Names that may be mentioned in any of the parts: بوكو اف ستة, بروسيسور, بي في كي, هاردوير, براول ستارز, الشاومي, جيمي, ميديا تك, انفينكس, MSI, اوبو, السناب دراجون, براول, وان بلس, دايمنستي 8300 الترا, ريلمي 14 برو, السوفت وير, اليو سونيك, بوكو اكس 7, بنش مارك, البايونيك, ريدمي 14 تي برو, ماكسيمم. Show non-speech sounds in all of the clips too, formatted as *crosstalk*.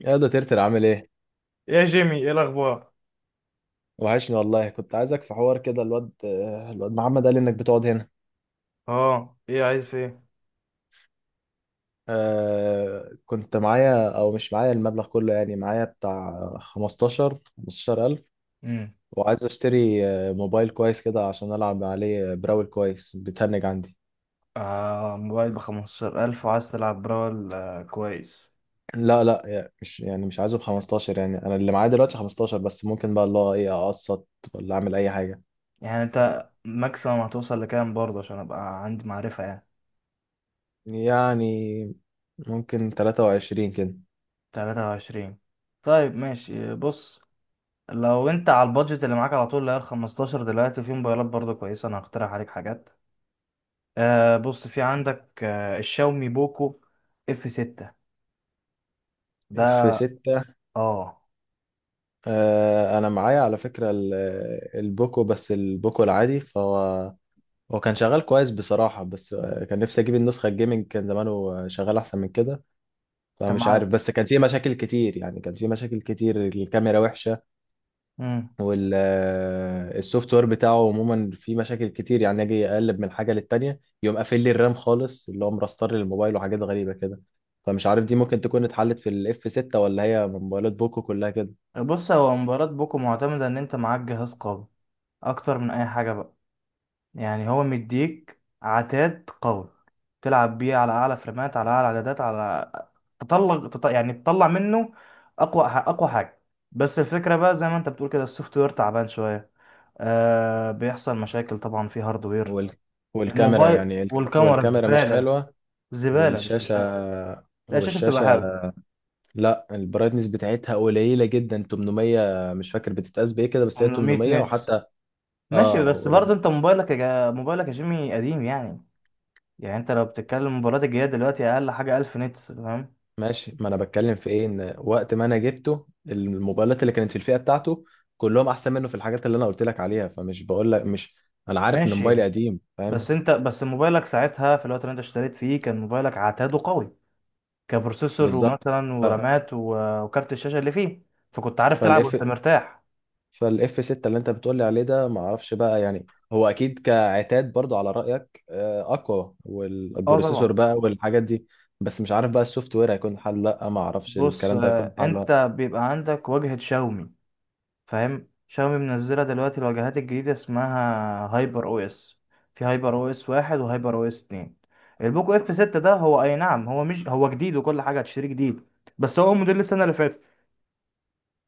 يا ده ترتر عامل ايه؟ يا جيمي، ايه الاخبار؟ وحشني والله، كنت عايزك في حوار كده. الواد محمد قال لي انك بتقعد هنا. اه، ايه، عايز في ايه؟ آه، كنت معايا او مش معايا. المبلغ كله يعني معايا، بتاع 15 15,000. امم وعايز اشتري موبايل كويس كده عشان العب عليه براول. كويس، بتهنج عندي. آه، موبايل بخمستاشر الف وعايز تلعب براول، كويس. لا لا، يعني مش عايزه ب 15. يعني انا اللي معايا دلوقتي 15 بس، ممكن بقى الله ايه اقسط ولا اعمل اي حاجة. يعني انت ماكسيمم هتوصل لكام برضه، عشان ابقى عندي معرفة يعني؟ يعني ممكن 23 كده. تلاتة وعشرين؟ طيب، ماشي، بص. لو انت على البادجت اللي معاك على طول، اللي هي الخمستاشر دلوقتي، في موبايلات برضه كويسة، انا هقترح عليك حاجات. بص، في عندك الشاومي بوكو اف ستة في ده. 6؟ اه، انا معايا على فكرة البوكو. بس البوكو العادي، فهو كان شغال كويس بصراحة، بس كان نفسي اجيب النسخة الجيمنج، كان زمانه شغال احسن من كده. فمش عارف، انت بس كان فيه مشاكل كتير. يعني كان فيه مشاكل كتير، الكاميرا وحشة، معاك. والسوفت وير بتاعه عموما فيه مشاكل كتير. يعني اجي اقلب من حاجة للتانية، يقوم قافل لي الرام خالص، اللي هو مرستر الموبايل، وحاجات غريبة كده. فمش عارف دي ممكن تكون اتحلت في الاف 6، ولا هي من موبايلات بوكو كلها كده؟ بص، هو مباراة بوكو معتمدة ان انت معاك جهاز قوي اكتر من اي حاجة بقى. يعني هو مديك عتاد قوي تلعب بيه على اعلى فريمات، على اعلى عدادات، على يعني تطلع منه اقوى حاجة. بس الفكرة بقى زي ما انت بتقول كده، السوفت وير تعبان شوية. آه، بيحصل مشاكل طبعا في هاردوير وال... والكاميرا، الموبايل، يعني والكاميرا والكاميرا مش زبالة، حلوة. زبالة، مش والشاشة حلوة. لا، الشاشة بتبقى والشاشة. حلوة. لا، البرايتنس بتاعتها قليلة جدا، 800. مش فاكر بتتقاس بإيه كده، بس هي 800 800. نت؟ وحتى ماشي، اه، بس ولما... برضه انت موبايلك موبايلك يا جيمي قديم يعني. يعني انت لو بتتكلم موبايلات الجديدة دلوقتي، اقل حاجة 1000 نتس، فاهم؟ ماشي، ما أنا بتكلم في إيه، إن وقت ما أنا جبته الموبايلات اللي كانت في الفئة بتاعته كلهم أحسن منه في الحاجات اللي أنا قلت لك عليها. فمش بقول لك مش، أنا عارف إن موبايلي ماشي، قديم، فاهم. بس انت، بس موبايلك ساعتها في الوقت اللي انت اشتريت فيه كان موبايلك عتاده قوي، كبروسيسور بالظبط. ومثلا ف... ورامات وكارت الشاشة اللي فيه. فكنت عارف تلعب فالاف وانت مرتاح. فالاف 6 اللي انت بتقولي عليه ده، ما اعرفش بقى. يعني هو اكيد كعتاد برضو، على رايك، اقوى، اه، والبروسيسور طبعا. بقى والحاجات دي. بس مش عارف بقى السوفت وير هيكون حل لا. ما اعرفش بص، الكلام ده هيكون حل لا. انت بيبقى عندك واجهة شاومي، فاهم؟ شاومي منزله دلوقتي الواجهات الجديده، اسمها هايبر او اس. في هايبر او اس واحد وهايبر او اس اتنين. البوك اف 6 ده، هو اي نعم، هو، مش هو جديد وكل حاجه هتشتريه جديد، بس هو موديل السنه اللي فاتت،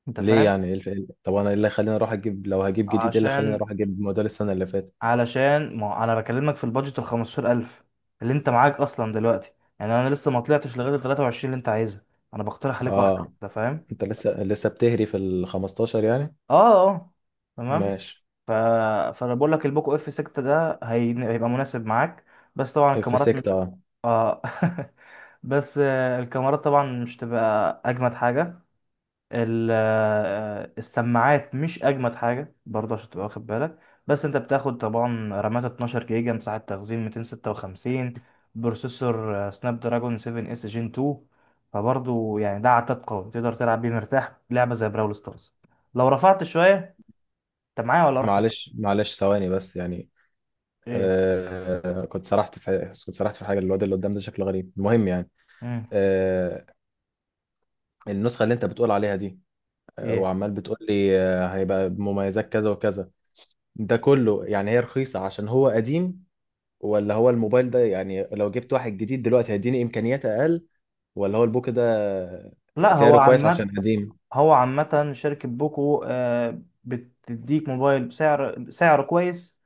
انت ليه؟ فاهم؟ يعني طب انا ايه اللي خليني اروح اجيب؟ لو هجيب جديد، ايه اللي خليني عشان، اروح اجيب موديل السنه اللي فاتت؟ ما هو انا بكلمك في البادجت ال 15000 اللي انت معاك اصلا دلوقتي. يعني انا لسه ما طلعتش لغايه ال 23 اللي انت عايزها، انا بقترح عليك واحده، اه، انت فاهم؟ انت لسه بتهري في ال 15 يعني؟ اه، اه، تمام. ماشي. ف... فانا بقول لك البوكو اف 6 ده هيبقى مناسب معاك. بس طبعا اف الكاميرات 6، مش، اه؟ اه. *laughs* بس الكاميرات طبعا مش تبقى اجمد حاجه. ال... آه، السماعات مش اجمد حاجه برضه، عشان تبقى واخد بالك. بس انت بتاخد طبعا رامات 12 جيجا، مساحه تخزين 256، بروسيسور سناب دراجون 7 اس جين 2. فبرضه يعني ده عتاد قوي، تقدر تلعب بيه مرتاح لعبه زي براول ستارز لو رفعت شويه. انت معايا ولا رحت فين؟ معلش معلش، ثواني بس. يعني آه، كنت سرحت في حاجه. الواد اللي قدام ده شكله غريب. المهم يعني، ايه؟ آه، النسخة اللي انت بتقول عليها دي، ايه؟ وعمال بتقول لي هيبقى بمميزات كذا وكذا، ده كله يعني هي رخيصة عشان هو قديم، ولا هو الموبايل ده يعني لو جبت واحد جديد دلوقتي هيديني إمكانيات أقل، ولا هو البوك ده لا، هو سعره كويس عشان عامة قديم؟ هو عامة شركة بوكو، بتديك موبايل بسعر، سعر كويس،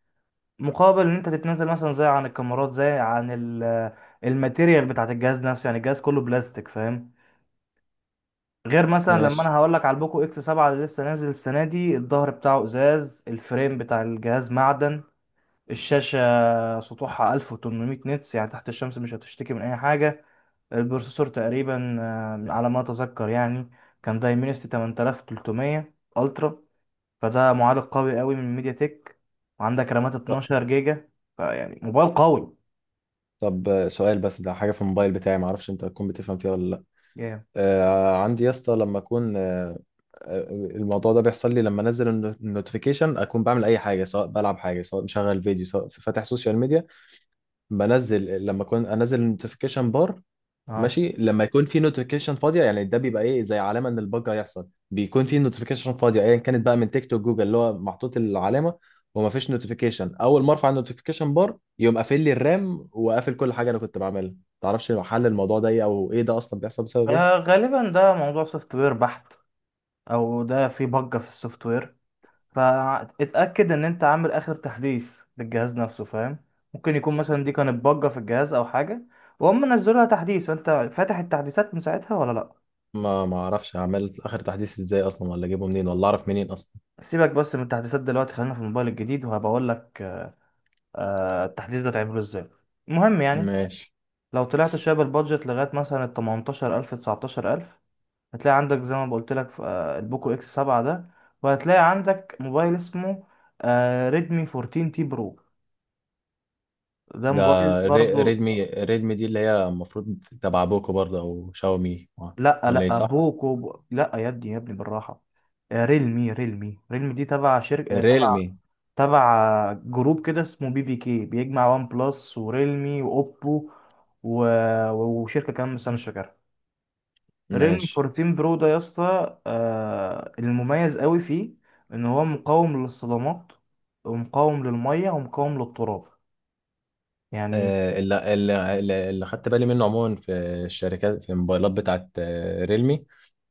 مقابل ان انت تتنازل مثلا زي عن الكاميرات، زي عن الماتيريال بتاعت الجهاز نفسه، يعني الجهاز كله بلاستيك، فاهم؟ غير مثلا لما ماشي. انا هقول لك على البوكو اكس 7 اللي لسه نازل السنة دي، الظهر بتاعه ازاز، الفريم بتاع الجهاز معدن، الشاشة سطوحها 1800 نتس يعني تحت الشمس مش هتشتكي من اي حاجة. البروسيسور تقريبا، على ما اتذكر يعني، كان دايمنستي 8300 الترا، فده معالج قوي قوي من ميديا تك. وعندك رامات طب 12 جيجا، فيعني موبايل قوي طب، سؤال بس. ده حاجة في الموبايل بتاعي، معرفش انت هتكون بتفهم فيها ولا لا. جامد. عندي يا اسطى، لما اكون الموضوع ده بيحصل لي لما انزل النوتيفيكيشن. اكون بعمل اي حاجه، سواء بلعب حاجه، سواء مشغل فيديو، سواء فاتح سوشيال ميديا. بنزل لما اكون انزل النوتيفيكيشن بار، اه، ماشي، لما يكون في نوتيفيكيشن فاضيه، يعني ده بيبقى ايه زي علامه ان الباج هيحصل، بيكون في نوتيفيكيشن فاضيه ايا كانت بقى، من تيك توك، جوجل، اللي هو محطوط العلامه وما فيش نوتيفيكيشن، اول ما ارفع النوتيفيكيشن بار يقوم قافل لي الرام وقافل كل حاجه انا كنت بعملها. تعرفش حل الموضوع ده ايه، او ايه ده اصلا بيحصل بسبب ايه؟ غالبا ده موضوع سوفت وير بحت، او ده في بجة في السوفت وير. فاتاكد ان انت عامل اخر تحديث للجهاز نفسه، فاهم؟ ممكن يكون مثلا دي كانت بجة في الجهاز او حاجة، وهم نزلوا لها تحديث، فانت فاتح التحديثات من ساعتها ولا لا؟ ما اعرفش اعمل اخر تحديث ازاي اصلا، ولا اجيبه منين، ولا اعرف منين اصلا. سيبك بس من التحديثات دلوقتي، خلينا في الموبايل الجديد، وهبقول لك التحديث ده تعمله ازاي. المهم يعني، ماشي. لو طلعت شويه بالبادجت لغايه مثلا ال 18000، 19000، هتلاقي عندك زي ما قلت لك في البوكو اكس 7 ده، وهتلاقي عندك موبايل اسمه ريدمي 14 تي برو. ده ده موبايل برضو، ريدمي دي اللي هي المفروض تبع بوكو برضه، او شاومي، لا ولا ايه؟ لا، صح. لا يا ابني، يا ابني، بالراحه. ريلمي، ريلمي دي تبع شركه، ريلمي. تبع جروب كده اسمه بي في كي، بيجمع وان بلس وريلمي واوبو، و... وشركه كمان بس انا مش فاكرها. ريلمي ماشي. 14 برو ده يا اسطى، المميز قوي فيه ان هو مقاوم للصدمات، ومقاوم للميه، ومقاوم للتراب، يعني. اللي خدت بالي منه عموما في الشركات، في الموبايلات بتاعت ريلمي،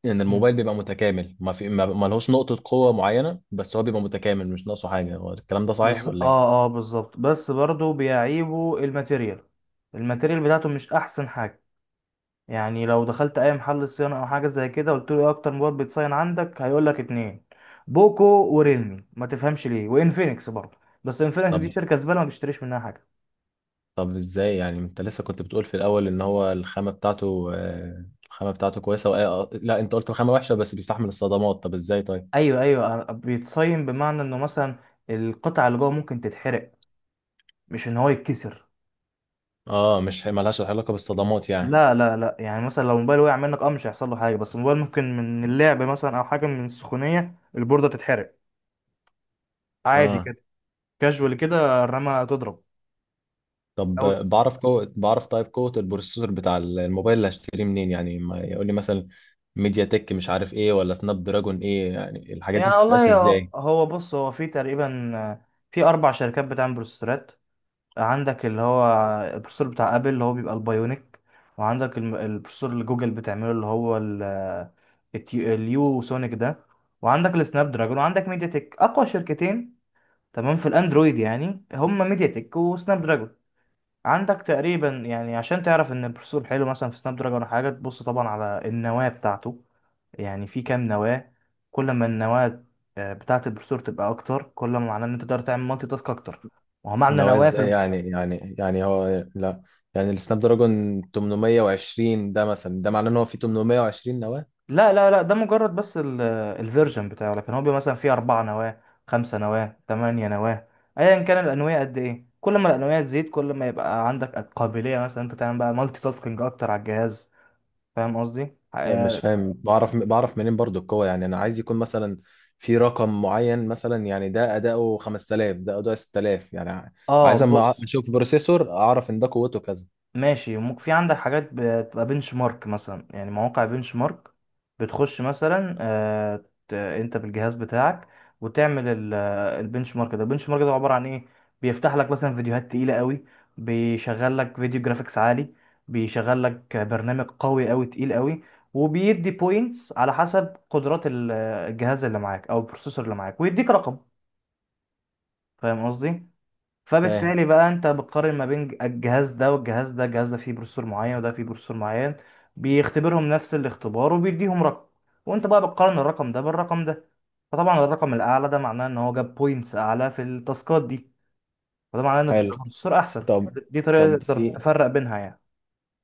ان مم. الموبايل بيبقى متكامل، ما في ما ما لهوش نقطة قوة معينة، بس هو بيبقى متكامل مش ناقصه حاجة. هو الكلام ده صحيح ولا ايه؟ اه، اه بالظبط، بس برضو بيعيبه الماتيريال. الماتيريال بتاعته مش احسن حاجه. يعني لو دخلت اي محل صيانه او حاجه زي كده، قلت له ايه اكتر موبايل بيتصين عندك، هيقول لك اتنين: بوكو وريلمي، ما تفهمش ليه، وانفينكس برضه. بس انفينكس دي طب، شركه زباله، ما بيشتريش منها حاجه. طب ازاي يعني؟ انت لسه كنت بتقول في الاول ان هو الخامة بتاعته الخامة بتاعته كويسة، لا انت قلت الخامة وحشة بس بيستحمل الصدمات. طب ازاي طيب؟ ايوه، ايوه، بيتصين بمعنى انه مثلا القطعه اللي جوه ممكن تتحرق، مش ان هو يتكسر. اه، مش ملهاش علاقة بالصدمات يعني. لا لا لا، يعني مثلا لو موبايل وقع منك، اه، مش هيحصل له حاجه، بس الموبايل ممكن من اللعب مثلا او حاجه، من السخونيه البورده تتحرق، عادي اه. كده، كاجوال كده، الرمه تضرب، طب او. بعرف، طيب قوة البروسيسور بتاع الموبايل اللي هشتريه منين يعني؟ ما يقول لي مثلا ميديا تك مش عارف ايه، ولا سناب دراجون ايه، يعني الحاجات دي يعني بتتقاس والله، هو ازاي؟ هو بص، هو في تقريبا، في اربع شركات بتعمل بروسيسورات. عندك اللي هو البروسيسور بتاع ابل اللي هو بيبقى البايونيك، وعندك البروسيسور اللي جوجل بتعمله اللي هو اليو سونيك ده، وعندك السناب دراجون، وعندك ميديا تك. اقوى شركتين تمام في الاندرويد يعني، هم ميديا تك وسناب دراجون. عندك تقريبا يعني، عشان تعرف ان البروسيسور حلو مثلا في سناب دراجون ولا حاجه، تبص طبعا على النواه بتاعته، يعني في كام نواه. كل ما النواه، بتاعه البروسيسور، تبقى اكتر، كل ما معناه ان انت تقدر تعمل مالتي تاسك اكتر. وهو معنى نواه نواه في ازاي هو لا، يعني السناب دراجون 820 ده مثلا، ده معناه ان هو فيه 820 نواة؟ لا لا لا، ده مجرد بس الفيرجن بتاعه، لكن هو بيبقى مثلا فيه اربع نواه، خمسه نواه، ثمانيه نواه. ايا كان الانويه قد ايه، كل ما الانويه تزيد، كل ما يبقى عندك قابليه مثلا انت تعمل بقى مالتي تاسكينج اكتر على الجهاز، فاهم قصدي؟ لا، مش اه، فاهم. بعرف منين برضو القوة يعني؟ انا عايز يكون مثلا في رقم معين، مثلا يعني ده اداؤه 5000، ده اداؤه 6000 يعني. عايز اما بص. اشوف بروسيسور اعرف ان ده قوته كذا. ماشي، ممكن في عندك حاجات بتبقى بنش مارك مثلا، يعني مواقع بنش مارك، بتخش مثلا، انت بالجهاز بتاعك، وتعمل البنش مارك ده. البنش مارك ده عبارة عن ايه؟ بيفتح لك مثلا فيديوهات تقيلة قوي، بيشغل لك فيديو جرافيكس عالي، بيشغل لك برنامج قوي قوي تقيل قوي، وبيدي بوينتس على حسب قدرات الجهاز اللي معاك او البروسيسور اللي معاك، ويديك رقم، فاهم قصدي؟ فاهم. فبالتالي بقى انت بتقارن ما بين الجهاز ده والجهاز ده، الجهاز ده فيه بروسيسور معين وده فيه بروسيسور معين، بيختبرهم نفس الاختبار، وبيديهم رقم، وانت بقى بتقارن الرقم ده بالرقم ده. فطبعا الرقم الاعلى ده معناه ان هو جاب بوينتس اعلى في التاسكات دي، وده معناه ان حلو. البروسيسور احسن. طب، يعني دي طريقة طب تقدر في تفرق بينها يعني.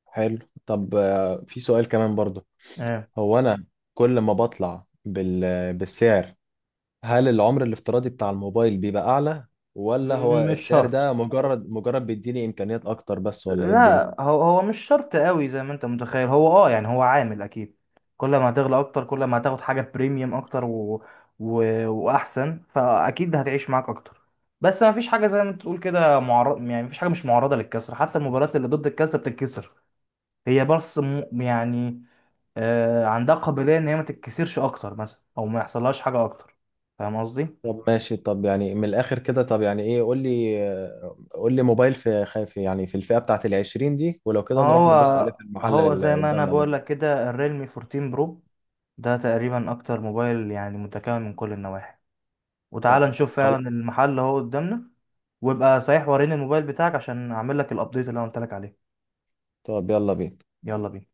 حلو. طب في سؤال كمان برضو. اه. هو انا كل ما بطلع بالسعر، هل العمر الافتراضي بتاع الموبايل بيبقى اعلى، ولا هو مش السعر شرط. ده مجرد بيديني امكانيات اكتر بس، ولا ايه الدنيا؟ لا، هو هو مش شرط قوي زي ما انت متخيل. هو، اه يعني، هو عامل اكيد، كل ما هتغلى اكتر كل ما هتاخد حاجه بريميوم اكتر و... واحسن، فاكيد هتعيش معاك اكتر. بس ما فيش حاجه زي ما انت تقول كده معرض، يعني ما فيش حاجه مش معرضه للكسر، حتى المباريات اللي ضد الكسر بتتكسر. هي بس يعني، آه، عندها قابليه ان هي ما تتكسرش اكتر مثلا، او ما يحصلهاش حاجه اكتر، فاهم قصدي؟ طب ماشي. طب يعني من الاخر كده، طب يعني ايه؟ قول لي قول لي موبايل في في يعني في الفئة بتاعت ال 20 دي، ولو كده نروح هو نبص عليه في المحل هو اللي زي ما انا قدامنا ده. بقول لك كده الريلمي 14 برو ده تقريبا اكتر موبايل يعني متكامل من كل النواحي. وتعال طب نشوف خلاص. فعلا، المحل اهو قدامنا. وابقى صحيح وريني الموبايل بتاعك عشان اعمل لك الابديت اللي انا قلت لك عليه. طب يلا بينا. يلا بينا.